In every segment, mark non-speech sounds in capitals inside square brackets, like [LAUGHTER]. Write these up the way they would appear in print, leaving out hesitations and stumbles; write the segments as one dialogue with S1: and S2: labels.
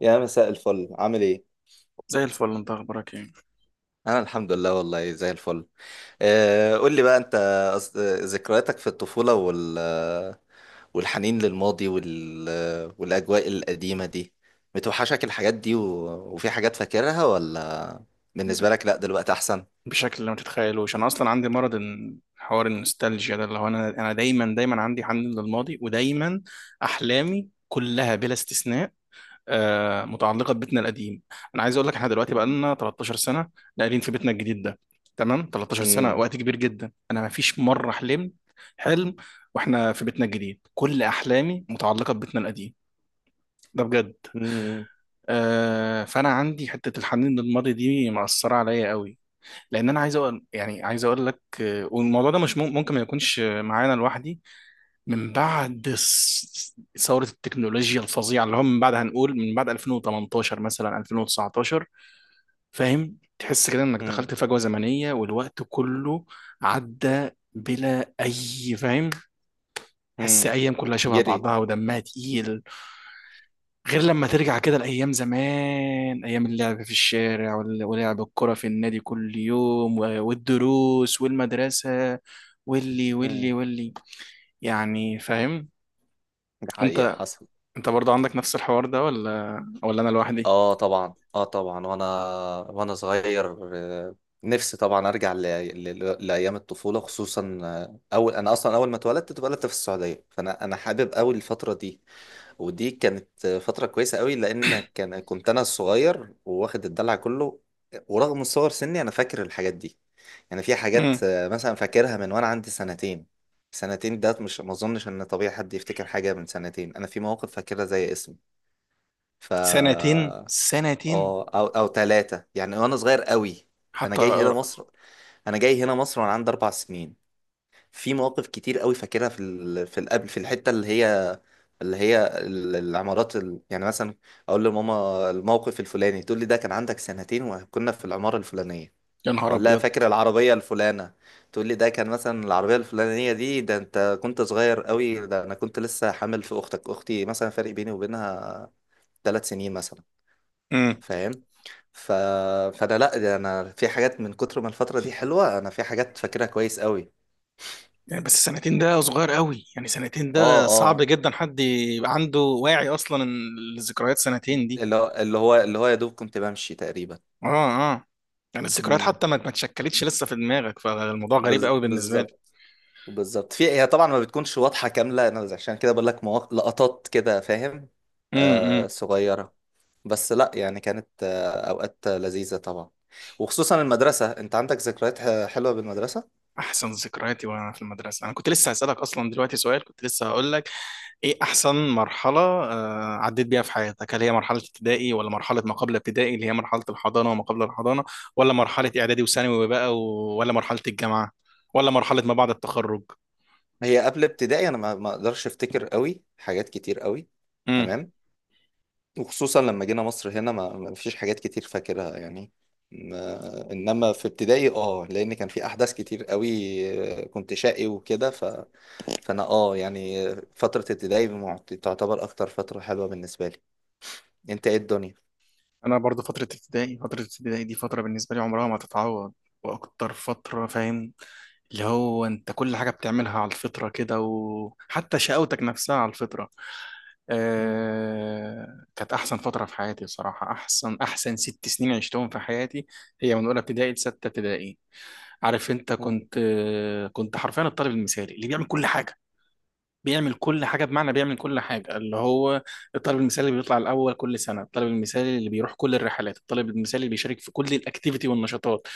S1: يا مساء الفل، عامل ايه؟
S2: زي الفل، انت اخبارك ايه؟
S1: انا الحمد لله والله زي الفل. قول لي بقى انت. ذكرياتك في الطفولة والحنين للماضي والاجواء القديمة دي، بتوحشك الحاجات دي وفي حاجات فاكرها ولا، بالنسبة لك لا دلوقتي احسن؟
S2: بشكل ما تتخيلوش انا اصلا عندي مرض. حوار النوستالجيا ده اللي هو انا دايما عندي حنين للماضي، ودايما احلامي كلها بلا استثناء متعلقه ببيتنا القديم. انا عايز اقول لك احنا دلوقتي بقى
S1: [LAUGHS]
S2: لنا 13 سنة سنه ناقلين في بيتنا الجديد ده. تمام، 13 سنة سنه
S1: مم.
S2: وقت كبير جدا. انا ما فيش مره حلمت حلم واحنا في بيتنا الجديد. كل احلامي متعلقه ببيتنا القديم ده بجد.
S1: مم.
S2: فانا عندي حته الحنين للماضي دي مأثره عليا قوي، لان انا عايز اقول، يعني عايز اقول لك، والموضوع ده مش ممكن ما يكونش معانا لوحدي. من بعد ثوره التكنولوجيا الفظيعه اللي هو من بعد، هنقول من بعد 2018 مثلا، 2019، فاهم؟ تحس كده انك
S1: مم.
S2: دخلت فجوه زمنيه والوقت كله عدى بلا اي، فاهم؟ حس
S1: مم.
S2: ايام كلها شبه
S1: جري.
S2: بعضها ودمها تقيل، غير لما ترجع كده لايام زمان، ايام اللعب في الشارع ولعب الكرة في النادي كل يوم والدروس والمدرسة، واللي
S1: مم.
S2: واللي واللي، يعني، فاهم؟
S1: دي حقيقة
S2: انت،
S1: حصل.
S2: انت برضو عندك نفس الحوار ده ولا ولا انا لوحدي؟
S1: اه، طبعا، اه، طبعا، وانا وانا صغير، نفسي طبعا ارجع لايام الطفوله خصوصا، انا اصلا اول ما اتولدت في السعوديه. فانا حابب قوي الفتره دي. ودي كانت فتره كويسه قوي لان كنت انا الصغير وواخد الدلع كله. ورغم صغر سني انا فاكر الحاجات دي. يعني في حاجات،
S2: امم،
S1: مثلا فاكرها من وانا عندي سنتين. سنتين ده مش، ما اظنش ان طبيعي حد يفتكر حاجه من سنتين. انا في مواقف فاكرها زي اسمي. ف
S2: سنتين، سنتين.
S1: اه، او ثلاثة يعني وانا صغير قوي. انا
S2: حتى
S1: جاي هنا
S2: أرقى.
S1: مصر انا جاي هنا مصر وانا عندي 4 سنين. في مواقف كتير قوي فاكرها في في القبل، في الحتة اللي هي العمارات يعني مثلا اقول لماما الموقف الفلاني، تقول لي ده كان عندك سنتين وكنا في العمارة الفلانية.
S2: يا نهار
S1: اقول لها،
S2: ابيض.
S1: فاكر العربية الفلانة؟ تقول لي ده كان مثلا العربية الفلانية دي، ده انت كنت صغير قوي، ده انا كنت لسه حامل في اختك، اختي مثلا، فرق بيني وبينها 3 سنين مثلا.
S2: امم.
S1: فاهم؟ ف... فانا لا، ده انا في حاجات من كتر ما الفتره دي حلوه انا في حاجات فاكرها كويس قوي.
S2: يعني بس سنتين ده صغير قوي، يعني سنتين
S1: اه،
S2: ده صعب
S1: اه،
S2: جدا حد يبقى عنده واعي اصلا ان الذكريات سنتين دي.
S1: اللي هو يا دوب كنت بمشي تقريبا.
S2: اه اه. يعني الذكريات
S1: امم.
S2: حتى ما اتشكلتش لسه في دماغك، فالموضوع غريب قوي بالنسبه لي.
S1: بالظبط، بالظبط، في هي طبعا ما بتكونش واضحه كامله، انا عشان كده بقول لك لقطات كده، فاهم؟
S2: امم.
S1: صغيره. بس لا، يعني كانت اوقات لذيذه طبعا. وخصوصا المدرسه، انت عندك ذكريات حلوه بالمدرسه؟
S2: احسن ذكرياتي وانا في المدرسه. انا كنت لسه هسالك اصلا دلوقتي سؤال، كنت لسه هقول لك ايه احسن مرحلة عديت بيها في حياتك؟ هل هي مرحلة ابتدائي، ولا مرحلة ما قبل ابتدائي اللي هي مرحلة الحضانة وما قبل الحضانة، ولا مرحلة اعدادي وثانوي بقى ولا مرحلة الجامعة، ولا مرحلة ما بعد التخرج؟
S1: هي قبل ابتدائي انا ما اقدرش افتكر قوي حاجات كتير قوي.
S2: امم.
S1: تمام، وخصوصا لما جينا مصر هنا ما فيش حاجات كتير فاكرها يعني. انما في ابتدائي اه، لان كان في احداث كتير قوي. كنت شقي وكده. فانا اه، يعني فترة ابتدائي تعتبر اكتر فترة حلوة بالنسبة لي. انت، ايه الدنيا؟
S2: انا برضو فترة ابتدائي. فترة ابتدائي دي فترة بالنسبة لي عمرها ما تتعوض، واكتر فترة، فاهم، اللي هو انت كل حاجة بتعملها على الفطرة كده، وحتى شقاوتك نفسها على الفطرة.
S1: [LAUGHS] مم.
S2: كانت أحسن فترة في حياتي بصراحة، أحسن ست سنين عشتهم في حياتي. هي من أولى ابتدائي لستة ابتدائي. عارف أنت،
S1: مم.
S2: كنت كنت حرفيا الطالب المثالي اللي بيعمل كل حاجة. بيعمل كل حاجة بمعنى بيعمل كل حاجة، اللي هو الطالب المثالي اللي بيطلع الأول كل سنة، الطالب المثالي اللي بيروح كل الرحلات، الطالب المثالي اللي بيشارك في كل الأكتيفيتي والنشاطات،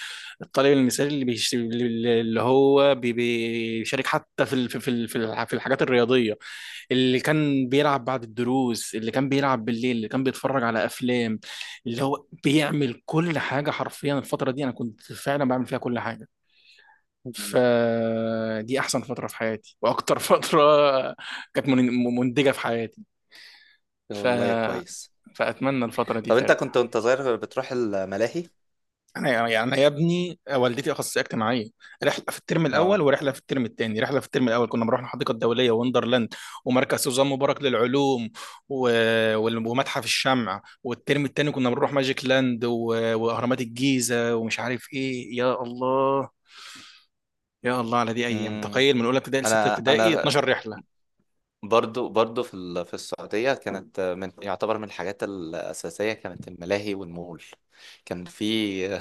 S2: الطالب المثالي اللي بيشارك حتى في في الحاجات الرياضية، اللي كان بيلعب بعد الدروس، اللي كان بيلعب بالليل، اللي كان بيتفرج على افلام، اللي هو بيعمل كل حاجه حرفيا. الفتره دي انا كنت فعلا بعمل فيها كل حاجه،
S1: مم.
S2: فدي احسن فتره في حياتي، واكتر [LAUGHS] فتره كانت منتجه في حياتي. ف...
S1: والله كويس.
S2: فاتمنى الفتره دي
S1: طب انت كنت
S2: ترجع.
S1: وانت صغير بتروح الملاهي؟
S2: انا يعني، يعني يا ابني، والدتي اخصائيه اجتماعيه. رحله في الترم الاول
S1: اه.
S2: ورحله في الترم الثاني. رحله في الترم الاول كنا بنروح الحديقه الدوليه، وندرلاند، ومركز سوزان مبارك للعلوم، و... ومتحف الشمع. والترم الثاني كنا بنروح ماجيك لاند، واهرامات الجيزه ومش عارف ايه. يا الله، يا الله على دي ايام.
S1: مم.
S2: تخيل، من اولى ابتدائي لسته
S1: انا
S2: ابتدائي
S1: انا
S2: 12 رحلة رحله.
S1: برضو في في السعودية كانت من، يعتبر من الحاجات الأساسية كانت الملاهي والمول. كان في.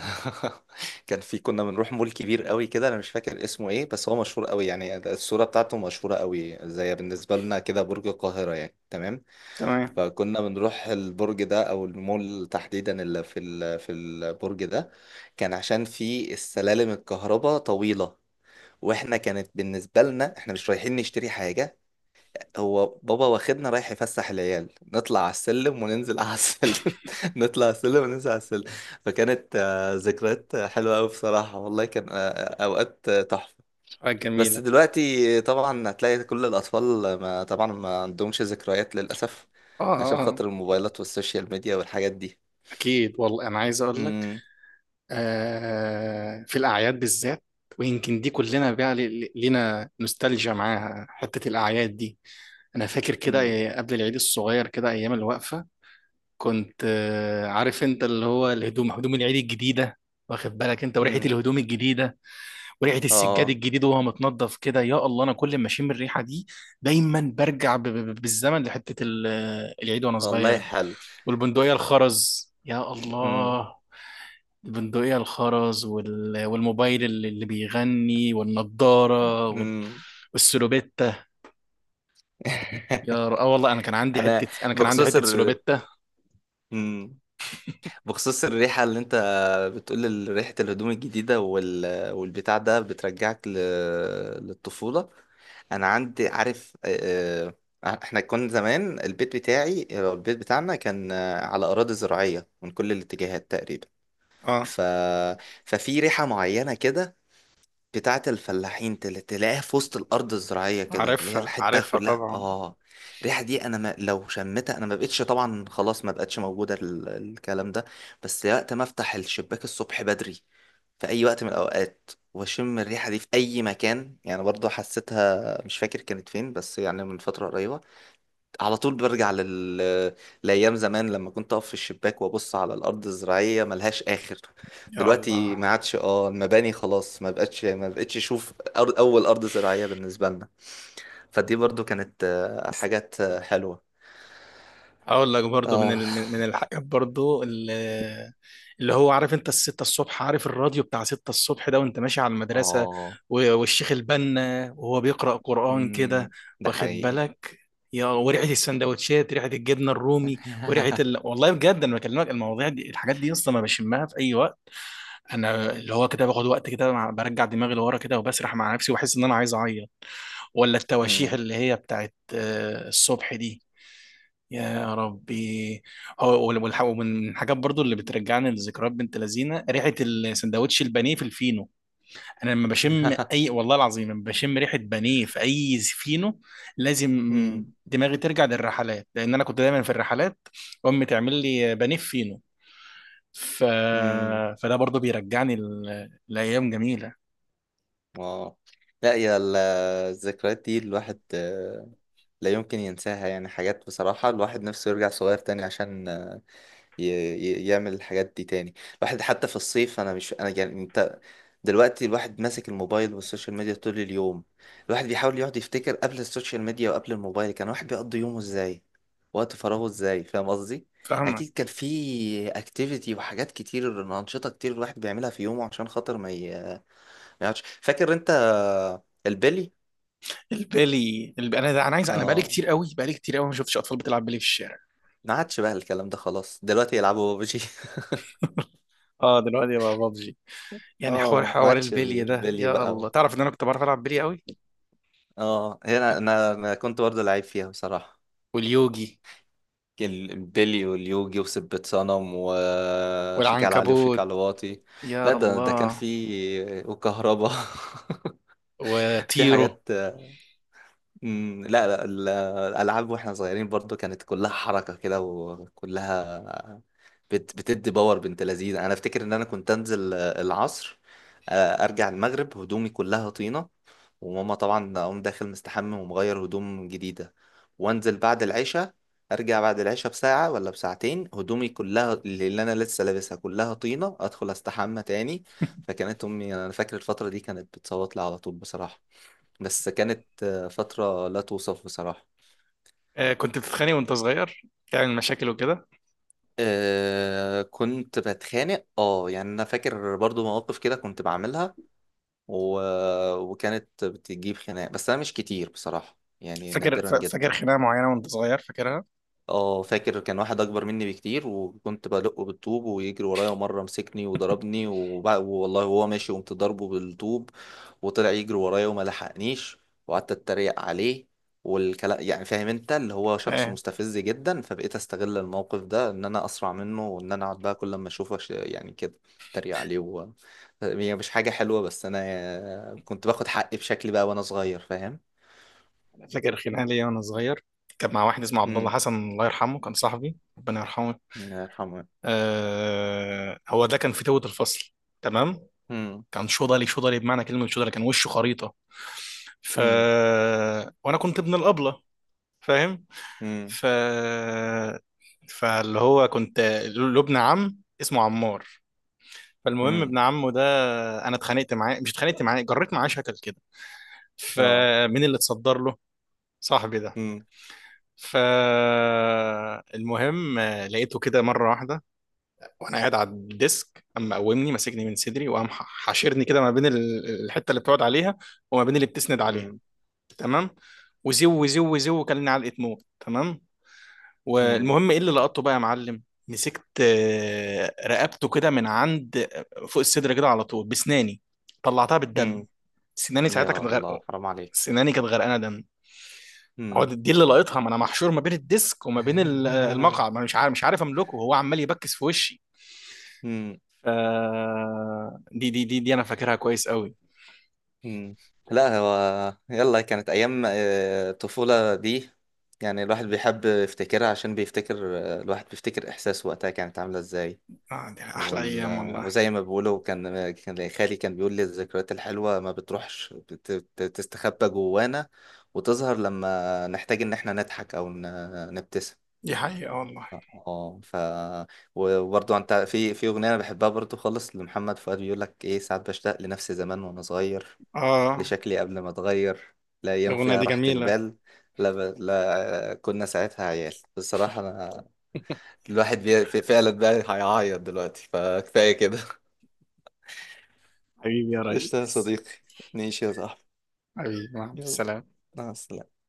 S1: [LAUGHS] كان في كنا بنروح مول كبير قوي كده، أنا مش فاكر اسمه إيه، بس هو مشهور قوي يعني الصورة بتاعته مشهورة قوي، زي بالنسبة لنا كده برج القاهرة يعني. تمام.
S2: تمام.
S1: فكنا بنروح البرج ده أو المول تحديدا اللي في في البرج ده. كان عشان في السلالم الكهرباء طويلة، واحنا كانت بالنسبه لنا احنا مش رايحين نشتري حاجه، هو بابا واخدنا رايح يفسح العيال، نطلع على السلم وننزل على السلم. [LAUGHS] نطلع على السلم وننزل على السلم. فكانت ذكريات حلوة أوي بصراحة. والله كان أوقات تحفة.
S2: حاجه
S1: بس
S2: جميله.
S1: دلوقتي طبعا هتلاقي كل الأطفال ما طبعا ما عندهمش ذكريات للأسف،
S2: اه
S1: عشان
S2: اه آه.
S1: خاطر الموبايلات والسوشيال ميديا والحاجات دي.
S2: اكيد والله. انا عايز اقول لك
S1: امم.
S2: في الأعياد بالذات، ويمكن دي كلنا بقى لينا نوستالجيا معاها حتة الأعياد دي. أنا فاكر كده
S1: امم.
S2: إيه، قبل العيد الصغير كده أيام الوقفة، كنت عارف أنت، اللي هو الهدوم، هدوم العيد الجديدة، واخد بالك أنت، وريحة
S1: امم.
S2: الهدوم الجديدة، وريحة السجاد
S1: اه،
S2: الجديد وهو متنضف كده. يا الله، أنا كل ما أشم الريحة دي دايما برجع بالزمن لحتة العيد وأنا صغير
S1: والله
S2: دي.
S1: حلو.
S2: والبندقية الخرز، يا
S1: امم.
S2: الله، البندقية الخرز والموبايل اللي اللي بيغني، والنضارة
S1: امم.
S2: والسلوبيتا.
S1: [LAUGHS]
S2: اه والله انا كان عندي
S1: انا،
S2: حتة، انا كان عندي
S1: بخصوص
S2: حتة
S1: ال
S2: سلوبيتا.
S1: مم. بخصوص الريحة اللي انت بتقول، ريحة الهدوم الجديدة والبتاع ده بترجعك للطفولة. انا عندي، عارف، احنا كنا زمان، البيت بتاعنا كان على اراضي زراعية من كل الاتجاهات تقريبا.
S2: اه،
S1: ف... ففي ريحة معينة كده بتاعة الفلاحين، تلاقيها في وسط الأرض الزراعية كده، اللي هي
S2: عارفها،
S1: الحتة
S2: عارفها
S1: كلها،
S2: طبعا.
S1: اه. الريحة دي أنا ما لو شمتها، أنا ما بقتش، طبعا خلاص ما بقتش موجودة الكلام ده. بس وقت ما أفتح الشباك الصبح بدري في أي وقت من الأوقات وأشم الريحة دي في أي مكان، يعني برضو حسيتها مش فاكر كانت فين بس، يعني من فترة قريبة، على طول برجع لأيام زمان، لما كنت أقف في الشباك وأبص على الأرض الزراعية ملهاش آخر.
S2: يا
S1: دلوقتي
S2: الله.
S1: ما عادش، اه، المباني خلاص، ما بقتش أشوف أول أرض زراعية بالنسبة لنا. فدي برضو كانت حاجات حلوة.
S2: هقول لك برضو من
S1: آه،
S2: الحاجات برضو اللي، اللي هو عارف انت الستة الصبح، عارف الراديو بتاع ستة الصبح ده وانت ماشي على المدرسة،
S1: آه.
S2: والشيخ البنا وهو بيقرأ قرآن كده،
S1: مم. ده
S2: واخد
S1: حقيقي.
S2: بالك؟ يا، وريحة السندوتشات، ريحة الجبنة الرومي، وريحة
S1: [LAUGHS]
S2: والله بجد انا بكلمك المواضيع دي الحاجات دي اصلا ما بشمها في اي وقت. انا اللي هو كده باخد وقت كده برجع دماغي لورا كده وبسرح مع نفسي واحس ان انا عايز اعيط. ولا التواشيح
S1: مم.
S2: اللي هي بتاعت الصبح دي، يا ربي. هو ومن الحاجات برضو اللي بترجعني لذكريات بنت لذينه، ريحه السندوتش البانيه في الفينو. انا لما بشم اي، والله العظيم، لما بشم ريحه بانيه في اي فينو لازم
S1: مم.
S2: دماغي ترجع للرحلات، لان انا كنت دايما في الرحلات، امي تعمل لي بانيه في فينو. ف...
S1: مم.
S2: فده برضو بيرجعني لايام جميله.
S1: [LAUGHS] آه. لا يا الذكريات دي الواحد لا يمكن ينساها، يعني حاجات بصراحة الواحد نفسه يرجع صغير تاني عشان، يعمل الحاجات دي تاني. الواحد حتى في الصيف، أنا مش، أنا يعني أنت، دلوقتي الواحد ماسك الموبايل والسوشيال ميديا طول اليوم. الواحد بيحاول يقعد يفتكر قبل السوشيال ميديا وقبل الموبايل كان الواحد بيقضي يومه إزاي، وقت فراغه إزاي، فاهم قصدي؟ أكيد
S2: فاهمك.
S1: كان في أكتيفيتي وحاجات كتير، أنشطة كتير الواحد بيعملها في يومه عشان خاطر ما يقعدش. فاكر أنت البلي؟
S2: انا انا عايز، انا بقالي
S1: آه،
S2: كتير قوي، بقالي كتير قوي ما شفتش اطفال بتلعب بالي في الشارع.
S1: ما عادش بقى الكلام ده خلاص، دلوقتي يلعبوا ببجي. [LAUGHS]
S2: [LAUGHS] اه دلوقتي بقى ببجي. يعني حوار
S1: اه، ما
S2: حوار
S1: عادش
S2: البلي ده،
S1: البلي
S2: يا
S1: بقى
S2: الله،
S1: و...
S2: تعرف ان انا كنت بعرف العب بلي قوي.
S1: اه، هنا
S2: اوكي.
S1: انا كنت برضه لعيب فيها بصراحة.
S2: واليوجي.
S1: كان البلي واليوجي وسبة صنم وشيك على علي وشيك
S2: والعنكبوت.
S1: على واطي. لا،
S2: يا
S1: ده كان
S2: الله.
S1: في وكهربا. [LAUGHS] في
S2: وطيرو.
S1: حاجات. مم، لا، لا. الألعاب واحنا صغيرين برضو كانت كلها حركة كده وكلها بتدي باور، بنت لذينه. انا افتكر ان انا كنت انزل العصر، ارجع المغرب هدومي كلها طينه، وماما طبعا اقوم داخل مستحمم ومغير هدوم جديده، وانزل بعد العشاء، ارجع بعد العشاء بساعه ولا بساعتين هدومي كلها اللي انا لسه لابسها كلها طينه، ادخل استحمى تاني. فكانت امي يعني، انا فاكر الفتره دي كانت بتصوت لي على طول بصراحه، بس كانت فتره لا توصف بصراحه.
S2: آه كنت بتتخانق وانت صغير، تعمل مشاكل وكده؟
S1: آه، كنت بتخانق، اه يعني انا فاكر برضو مواقف كده كنت بعملها و... وكانت بتجيب خناق، بس انا مش كتير بصراحة يعني،
S2: فاكر
S1: نادرا جدا.
S2: فاكر خناقه معينه وانت صغير، فاكرها؟
S1: اه، فاكر كان واحد اكبر مني بكتير وكنت بدقه بالطوب ويجري ورايا، ومره مسكني وضربني، والله هو ماشي قمت ضربه بالطوب وطلع يجري ورايا وما لحقنيش، وقعدت اتريق عليه والكلام. يعني فاهم انت، اللي هو شخص
S2: آه،
S1: مستفز جدا، فبقيت استغل الموقف ده ان انا اسرع منه، وان انا اقعد بقى كل ما اشوفه، يعني كده اتريق عليه. هي مش حاجه حلوه، بس انا كنت باخد حقي بشكلي بقى وانا صغير، فاهم.
S2: فاكر خناقه ليا وانا صغير، كان مع واحد اسمه عبد الله
S1: امم.
S2: حسن، الله يرحمه، كان صاحبي، ربنا يرحمه.
S1: الله يرحمه.
S2: آه، هو ده كان فتوة الفصل، تمام.
S1: امم.
S2: كان شوضلي، شوضلي بمعنى كلمه شوضلي، كان وشه خريطه. ف، وانا كنت ابن الابله، فاهم؟
S1: امم.
S2: ف، فاللي هو كنت له ابن عم اسمه عمار. فالمهم
S1: امم.
S2: ابن عمه ده، انا اتخانقت معاه، مش اتخانقت معاه، جريت معاه شكل كده.
S1: اه.
S2: فمين اللي اتصدر له؟ صاحبي ده.
S1: امم.
S2: فالمهم لقيته كده مره واحده، وانا قاعد على الديسك، اما قومني ماسكني من صدري، وقام حاشرني كده ما بين الحته اللي بتقعد عليها وما بين اللي بتسند عليها،
S1: امم.
S2: تمام؟ وزو وزو وزو وكلني علقه موت، تمام.
S1: امم.
S2: والمهم ايه اللي لقطته بقى يا معلم؟ مسكت رقبته كده من عند فوق الصدر كده على طول بسناني، طلعتها بالدم.
S1: امم.
S2: سناني ساعتها
S1: يا
S2: كانت غرقه،
S1: الله، حرام عليك.
S2: سناني كانت غرقانه دم. هو
S1: امم.
S2: دي اللي لقيتها، ما انا محشور ما بين الديسك وما بين
S1: [LAUGHS]
S2: المقعد، ما أنا مش عارف، مش عارف املكه، هو عمال يبكس في وشي.
S1: امم.
S2: ف، دي انا فاكرها كويس قوي.
S1: امم. لا، هو يلا، كانت ايام الطفولة دي، يعني الواحد بيحب يفتكرها عشان بيفتكر آه، الواحد بيفتكر احساس وقتها كانت عاملة ازاي.
S2: اه دي احلى
S1: وال...
S2: ايام
S1: آه،
S2: والله.
S1: وزي ما بيقولوا، كان خالي كان بيقول لي، الذكريات الحلوة ما بتروحش، بتستخبى جوانا وتظهر لما نحتاج ان احنا نضحك او نبتسم.
S2: دي حقيقة والله.
S1: اه. وبرضو انت، في اغنيه انا بحبها برضو خالص لمحمد فؤاد بيقول لك ايه، ساعات بشتاق لنفسي زمان وانا صغير،
S2: اه.
S1: لشكلي قبل ما اتغير، لا ايام
S2: الاغنية
S1: فيها
S2: دي
S1: راحه
S2: جميلة.
S1: البال. لا، لا كنا ساعتها عيال بصراحه. انا الواحد فعلا بقى هيعيط دلوقتي، فكفايه كده.
S2: حبيبي يا
S1: [LAUGHS] قشطه يا
S2: ريس.
S1: صديقي، ماشي يا صاحبي،
S2: حبيبي مع
S1: يلا،
S2: السلامة.
S1: مع السلامه.